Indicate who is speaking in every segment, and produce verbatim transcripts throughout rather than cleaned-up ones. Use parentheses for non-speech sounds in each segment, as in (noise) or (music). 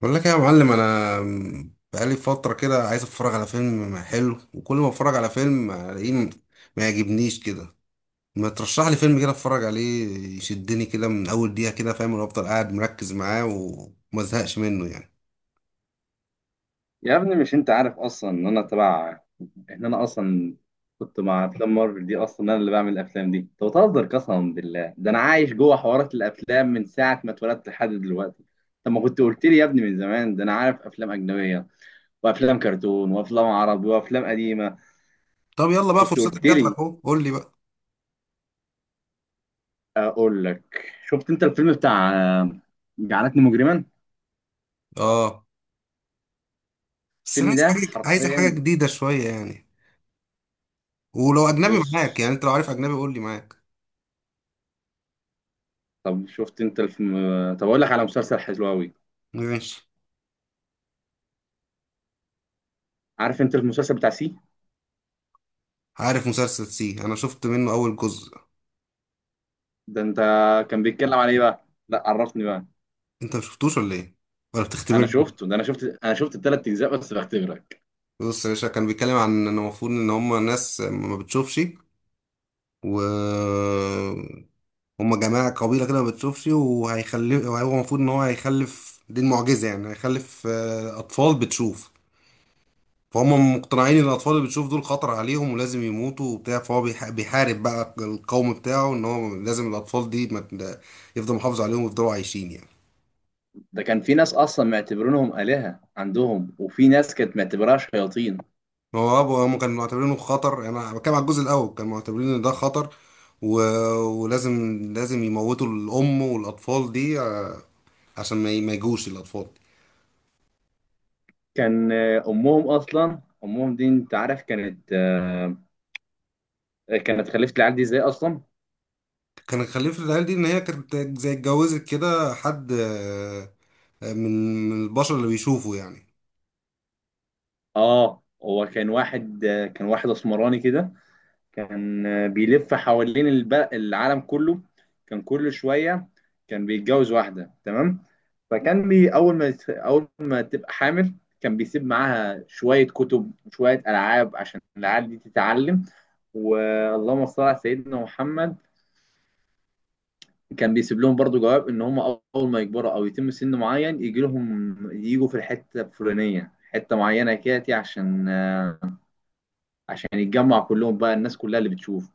Speaker 1: بقول لك إيه يا معلم، انا بقالي فتره كده عايز اتفرج على فيلم حلو، وكل ما اتفرج على فيلم الاقيه ما يعجبنيش كده. ما ترشح لي فيلم كده اتفرج عليه، يشدني كده من اول دقيقه كده، فاهم؟ وافضل قاعد مركز معاه وما ازهقش منه يعني.
Speaker 2: يا ابني، مش انت عارف اصلا ان انا تبع ان انا اصلا كنت مع افلام مارفل دي. اصلا انا اللي بعمل الافلام دي، انت بتهزر قسما بالله، ده انا عايش جوه حوارات الافلام من ساعه ما اتولدت لحد دلوقتي. طب ما كنت قلت لي يا ابني من زمان، ده انا عارف افلام اجنبيه وافلام كرتون وافلام عربي وافلام قديمه.
Speaker 1: طب يلا بقى
Speaker 2: كنت
Speaker 1: فرصتك
Speaker 2: قلت
Speaker 1: جات لك
Speaker 2: لي.
Speaker 1: اهو، قول لي بقى.
Speaker 2: اقول لك، شفت انت الفيلم بتاع آه، جعلتني مجرما؟
Speaker 1: اه، بس انا
Speaker 2: الفيلم
Speaker 1: عايز
Speaker 2: ده
Speaker 1: حاجه عايز حاجه
Speaker 2: حرفيا.
Speaker 1: جديده شويه يعني. ولو اجنبي
Speaker 2: بص،
Speaker 1: معاك يعني، انت لو عارف اجنبي قول لي معاك.
Speaker 2: طب شفت انت الفيلم؟ طب اقول لك على مسلسل حلو قوي.
Speaker 1: ماشي.
Speaker 2: عارف انت المسلسل بتاع سي؟
Speaker 1: عارف مسلسل سي، انا شفت منه اول جزء.
Speaker 2: ده انت، كان بيتكلم عن ايه بقى، لا عرفني بقى.
Speaker 1: انت ما شفتوش ولا ايه؟ ولا
Speaker 2: انا
Speaker 1: بتختبرني؟
Speaker 2: شفته، ده انا شفت انا شفت الثلاث اجزاء، بس بختبرك.
Speaker 1: بص يا باشا، كان بيتكلم عن ان المفروض ان هم ناس ما بتشوفش و هم جماعة قبيلة كده ما بتشوفش، وهيخلف، وهو المفروض ان هو هيخلف، دي المعجزة يعني، هيخلف آه، اطفال بتشوف. فهم مقتنعين ان الاطفال اللي بتشوف دول خطر عليهم ولازم يموتوا وبتاع، فهو بيح- بيحارب بقى القوم بتاعه ان هو لازم الاطفال دي ما ت- يفضل محافظ عليهم ويفضلوا عايشين يعني.
Speaker 2: ده كان في ناس اصلا معتبرينهم آلهة عندهم، وفي ناس كانت معتبراها شياطين.
Speaker 1: هو ابو هم كانوا معتبرينه خطر يعني، انا بتكلم على الجزء الاول، كانوا معتبرين ان ده خطر و... ولازم، لازم يموتوا الام والاطفال دي آه، عشان ما ي- ما يجوش الاطفال.
Speaker 2: كان آه، امهم، اصلا امهم دي انت عارف، كانت آه، كانت خلفت العيال دي ازاي اصلا؟
Speaker 1: كان الخليفه العيال دي ان هي كانت زي اتجوزت كده حد آه، آه، من من البشر اللي بيشوفوا يعني.
Speaker 2: اه، هو كان واحد، آه، كان واحد اسمراني كده. كان بيلف حوالين الب- العالم كله. كان كل شوية كان بيتجوز واحدة، تمام. فكان بي أول ما أول ما تبقى حامل، كان بيسيب معاها شوية كتب وشوية ألعاب عشان العيال دي تتعلم. واللهم صل على سيدنا محمد. كان بيسيب لهم برضو جواب ان هم اول ما يكبروا او يتم سن معين يجي لهم، يجوا في الحته الفلانيه، حته معينه كده، عشان عشان يتجمع كلهم بقى الناس كلها اللي بتشوف.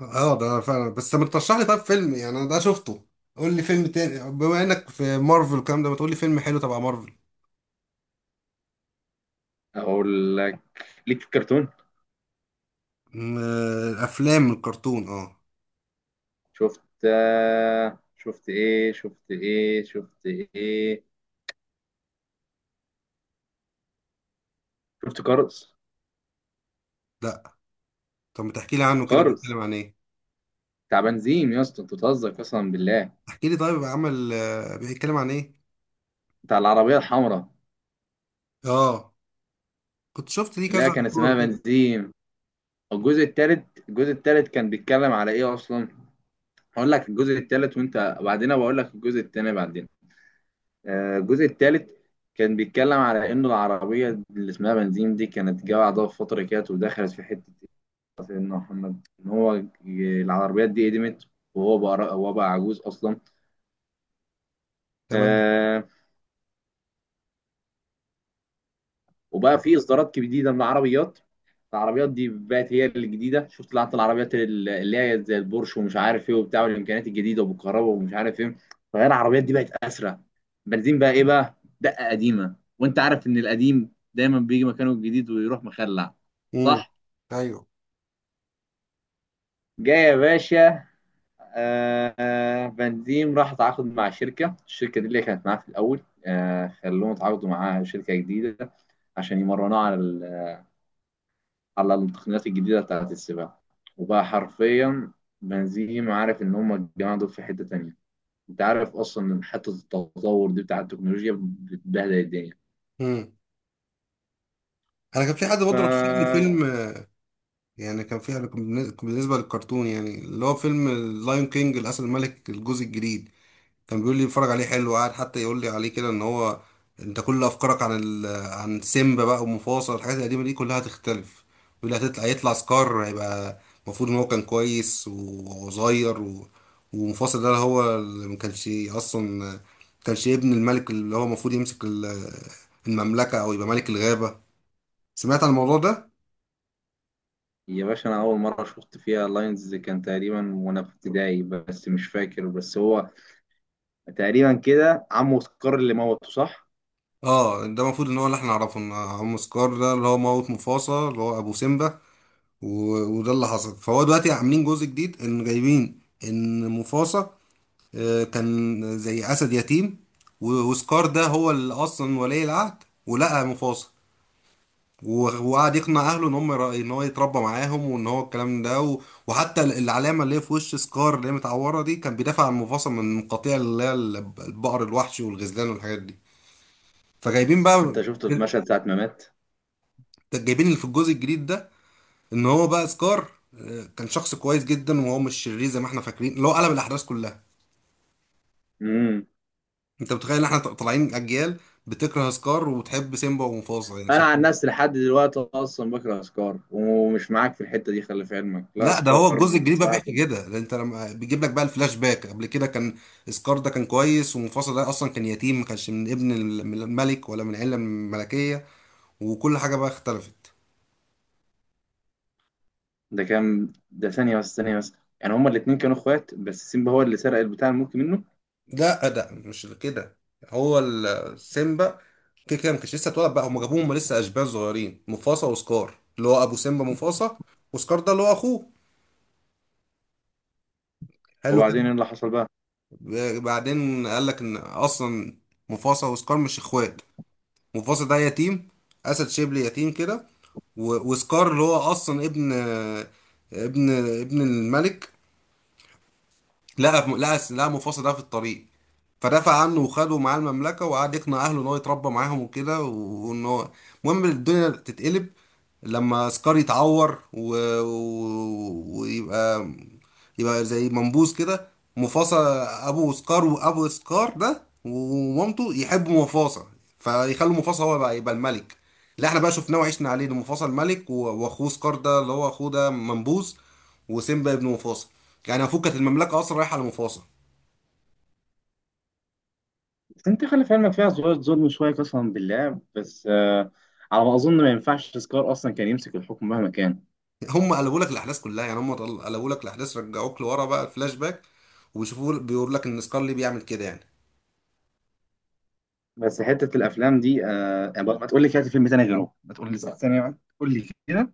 Speaker 1: اه، ده فعلا. بس ما ترشح لي طب فيلم يعني، انا ده شفته، قول لي فيلم تاني، بما انك في مارفل الكلام ده، ما تقول لي فيلم حلو تبع مارفل.
Speaker 2: اقول لك، ليك في الكرتون.
Speaker 1: م- آه، افلام الكرتون، اه.
Speaker 2: شفت آه، شفت ايه، شفت ايه، شفت ايه؟ شفت كارز؟
Speaker 1: لا. طب ما تحكي لي عنه كده،
Speaker 2: كارز
Speaker 1: بيتكلم عن ايه؟
Speaker 2: بتاع بنزيم، يا اسطى انت بتهزر قسما بالله.
Speaker 1: احكي لي طيب، عمل آه، بيتكلم عن ايه؟
Speaker 2: بتاع العربيه الحمراء،
Speaker 1: اه. كنت شفت ليه
Speaker 2: اللي
Speaker 1: كذا
Speaker 2: هي كان اسمها
Speaker 1: صورة كده.
Speaker 2: بنزيم. الجزء الثالث، الجزء الثالث كان بيتكلم على ايه اصلا؟ هقول لك الجزء الثالث وانت بعدين بقول لك الجزء الثاني بعدين. آه، الجزء الثالث كان بيتكلم على انه العربيه اللي اسمها بنزيم دي كانت جايه بعدها بفتره كده، ودخلت في حته، سيدنا محمد ان هو ي- العربيات دي قدمت، وهو بقى را- هو بقى عجوز اصلا.
Speaker 1: تمام.
Speaker 2: آه. وبقى في اصدارات جديده من العربيات، العربيات دي بقت هي الجديده، شفت لعنة العربيات، ال- اللي هي زي البورش ومش عارف ايه وبتاع، والامكانيات الجديده وبالكهرباء ومش عارف ايه. فهي العربيات دي بقت اسرع. بنزين بقى ايه بقى؟ دقه قديمه، وانت عارف ان القديم دايما بيجي مكانه الجديد ويروح مخلع.
Speaker 1: امم.
Speaker 2: صح.
Speaker 1: ايوه.
Speaker 2: جاي يا باشا. آه آه، فان ديم راح تعاقد مع شركة، الشركة دي اللي كانت معاه في الأول، آه، خلوهم يتعاقدوا مع شركة جديدة عشان يمرنوه على ال- على التقنيات الجديدة بتاعة السباق. وبقى حرفيا بنزيم عارف إن هما الجماعة دول في حتة تانية. أنت عارف أصلا إن حتة التطور دي بتاع التكنولوجيا بتبهدل الدنيا.
Speaker 1: امم. انا كان في حد
Speaker 2: ف
Speaker 1: برضه رشح لي فيلم آه، يعني كان في، أنا كان بالنسبة كان بالنسبة للكرتون، يعني اللي هو فيلم اللايون كينج، الاسد الملك، الجزء الجديد. كان بيقول لي اتفرج عليه حلو، قاعد حتى يقول لي عليه كده ان هو انت كل افكارك عن ال... عن سيمبا بقى ومفاصل الحاجات القديمه دي كلها هتختلف. بيقول لي هتطلع، يطلع سكار هيبقى المفروض ان هو كان كويس وصغير و... ومفاصل ده هو اللي ما كانش اصلا، ما كانش ابن الملك اللي هو المفروض يمسك ال- المملكه او يبقى ملك الغابه. سمعت عن الموضوع ده؟
Speaker 2: يا باشا، أنا أول مرة شفت فيها لاينز كان تقريبا وأنا في ابتدائي، بس مش فاكر، بس هو تقريبا كده عمه سكار اللي موته، صح؟
Speaker 1: اه، ده المفروض ان هو اللي احنا نعرفه ان عم سكار ده اللي هو موت مفاصل اللي هو ابو سيمبا، و- وده اللي حصل. فهو دلوقتي عاملين جزء جديد ان جايبين ان مفاصة آه، كان زي اسد يتيم. و- وسكار ده هو اللي اصلا ولي العهد ولقى مفاصة، و- وقعد يقنع اهله ان هم يرا- ان هو يتربى معاهم وان هو الكلام ده، و- وحتى ال- العلامه اللي هي في وش سكار اللي هي متعوره دي، كان بيدافع عن مفاصة من قطيع اللي هي الب- البقر الوحشي والغزلان والحاجات دي. فجايبين بقى
Speaker 2: انت شفته في مشهد ساعة ما مات.
Speaker 1: جايبين اللي في الجزء الجديد ده، ان هو بقى سكار آه، كان شخص كويس جدا وهو مش شرير زي ما احنا فاكرين، اللي هو قلب الاحداث كلها.
Speaker 2: امم.
Speaker 1: انت متخيل ان احنا طالعين اجيال بتكره سكار وتحب سيمبا ومفاصل يعني،
Speaker 2: انا عن
Speaker 1: شايفين؟
Speaker 2: نفسي لحد دلوقتي اصلا بكره اسكار، ومش معاك في الحتة دي، خلي في علمك، لا
Speaker 1: لا، ده هو
Speaker 2: اسكار.
Speaker 1: الجزء الجديد بقى
Speaker 2: بصراحة،
Speaker 1: بيحكي كده، لأن انت لما بيجيب لك بقى الفلاش باك قبل كده كان سكار ده كان كويس، ومفاصل ده اصلا كان يتيم ما كانش من ابن ال- من الملك ولا من عيله ملكيه، وكل حاجه بقى اختلفت.
Speaker 2: ده كان ده ثانية بس، ثانية بس. يعني هما الاتنين كانوا اخوات، بس سيمبا هو اللي سرق البتاع الملك منه.
Speaker 1: لا، ده مش كده. هو ال- سيمبا كده كده ما كانش لسه اتولد، بقى هم جابوهم هما لسه اشبال صغيرين، مفاصة وسكار اللي هو ابو سيمبا، مفاصة وسكار ده اللي هو اخوه. حلو كده.
Speaker 2: وبعدين ايه اللي حصل بقى؟
Speaker 1: ب- بعدين قال لك ان اصلا مفاصة وسكار مش اخوات. مفاصة ده يتيم، اسد شيبلي يتيم كده. و- وسكار اللي هو اصلا ابن، ابن ابن الملك، لقى، لقى لقى مفاصة ده في الطريق، فدافع عنه وخده معاه المملكة، وقعد يقنع أهله إن هو يتربى معاهم وكده، وإن هو المهم الدنيا تتقلب لما سكار يتعور و... و... ويبقى، يبقى زي منبوذ كده. مفاصة، أبو سكار وأبو سكار ده ومامته يحبوا مفاصة، فيخلوا مفاصة هو بقى يبقى الملك اللي احنا بقى شفناه وعشنا عليه ده، مفاصة الملك، و- وأخوه سكار ده اللي هو أخوه ده منبوذ، وسيمبا ابن مفاصة. يعني المفروض كانت المملكة أصلا رايحة لمفاصة.
Speaker 2: بس انت خلي في علمك فيها شوية ظلم، شوية قسما بالله، بس آه، على ما اظن ما ينفعش اسكار اصلا كان يمسك الحكم مهما كان.
Speaker 1: هم قلبوا لك الاحداث كلها، يعني هم طل- قلبوا لك الاحداث، رجعوك لورا بقى الفلاش باك، ويشوفوا بيقول لك ان سكارلي بيعمل كده يعني.
Speaker 2: بس حتة الافلام دي آه يعني، ما تقول لي كده في فيلم تاني غيره، ما تقول لي ثانية واحدة. قول لي كده.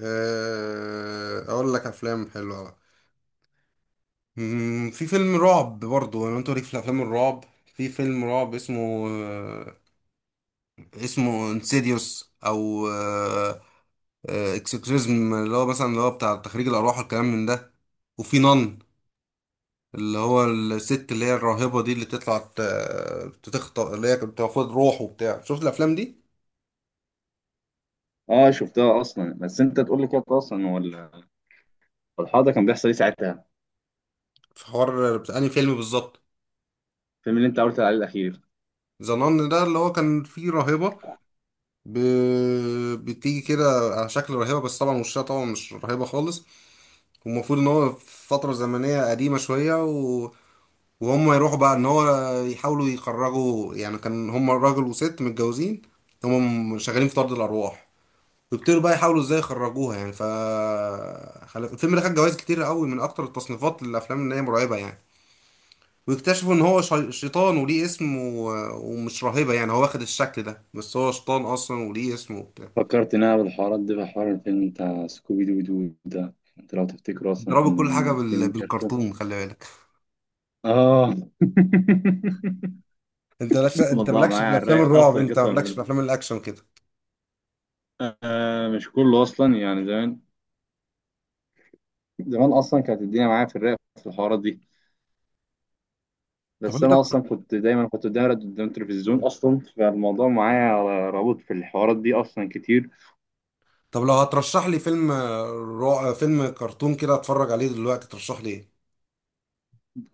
Speaker 1: آه، اقول لك افلام حلوه بقى. مم، في فيلم رعب برضو، انا انت ليك في الافلام الرعب؟ في فيلم رعب اسمه آه، اسمه انسيديوس او اكسكريزم، اللي هو مثلا اللي هو بتاع تخريج الارواح والكلام من ده، وفي نان اللي هو الست اللي هي الراهبة دي اللي تطلع ت- تخطئ، اللي هي كانت بتاخد روح وبتاع، شفت الافلام دي؟
Speaker 2: اه شفتها اصلا. بس انت تقول لي كده اصلا، هو ال- الحوار ده كان بيحصل ايه ساعتها،
Speaker 1: في حوار بتاع انهي فيلم بالظبط؟
Speaker 2: الفيلم اللي انت قلت عليه الاخير؟
Speaker 1: زنان ده اللي هو كان فيه راهبة ب... بتيجي كده على شكل راهبة، بس طبعا وشها طبعا مش راهبة خالص. والمفروض ان هو في فترة زمنية قديمة شوية و... وهم يروحوا بقى ان هو يحاولوا يخرجوا يعني، كان هم راجل وست متجوزين، هم شغالين في طرد الارواح، ويبتدوا بقى يحاولوا ازاي يخرجوها يعني ف خل- الفيلم ده خد جوائز كتير قوي من اكتر التصنيفات للافلام اللي هي مرعبة يعني. ويكتشفوا ان هو شي- شيطان وليه اسم و... ومش راهبة يعني، هو واخد الشكل ده بس هو شيطان اصلا وليه اسم وبتاع.
Speaker 2: فكرت إن أنا بالحوارات دي بحوار الفيلم بتاع سكوبي دو. دو ده أنت لو تفتكره
Speaker 1: انت
Speaker 2: أصلا
Speaker 1: رابط كل حاجة
Speaker 2: كان
Speaker 1: بال...
Speaker 2: فيلم كرتون.
Speaker 1: بالكرتون، خلي بالك.
Speaker 2: اه. (laughs)
Speaker 1: انت لش... انت
Speaker 2: الموضوع
Speaker 1: مالكش
Speaker 2: معايا
Speaker 1: في
Speaker 2: على
Speaker 1: الافلام
Speaker 2: الرايق
Speaker 1: الرعب،
Speaker 2: اصلا
Speaker 1: انت
Speaker 2: قسما
Speaker 1: مالكش في
Speaker 2: بالله.
Speaker 1: الافلام الاكشن كده.
Speaker 2: آه مش كله اصلا يعني، زمان، زمان اصلا كانت الدنيا معايا في الرايق في الحوارات دي.
Speaker 1: طب
Speaker 2: بس
Speaker 1: انت
Speaker 2: انا اصلا كنت دايما كنت دايما قدام التلفزيون اصلا، فالموضوع معايا رابط في الحوارات دي اصلا كتير.
Speaker 1: طب لو هترشح لي فيلم رعب، فيلم كرتون كده اتفرج عليه دلوقتي، ترشح لي ايه؟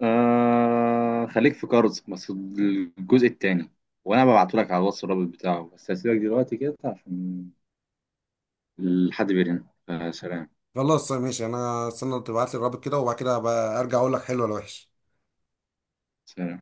Speaker 2: آه خليك في كاروز بس الجزء التاني، وانا ببعته لك على الواتس الرابط بتاعه. بس هسيبك دلوقتي كده عشان الحد بيرن. آه سلام.
Speaker 1: خلاص ماشي، انا استنى تبعت لي الرابط كده، وبعد كده بقى ارجع اقول لك حلو ولا وحش.
Speaker 2: سلام.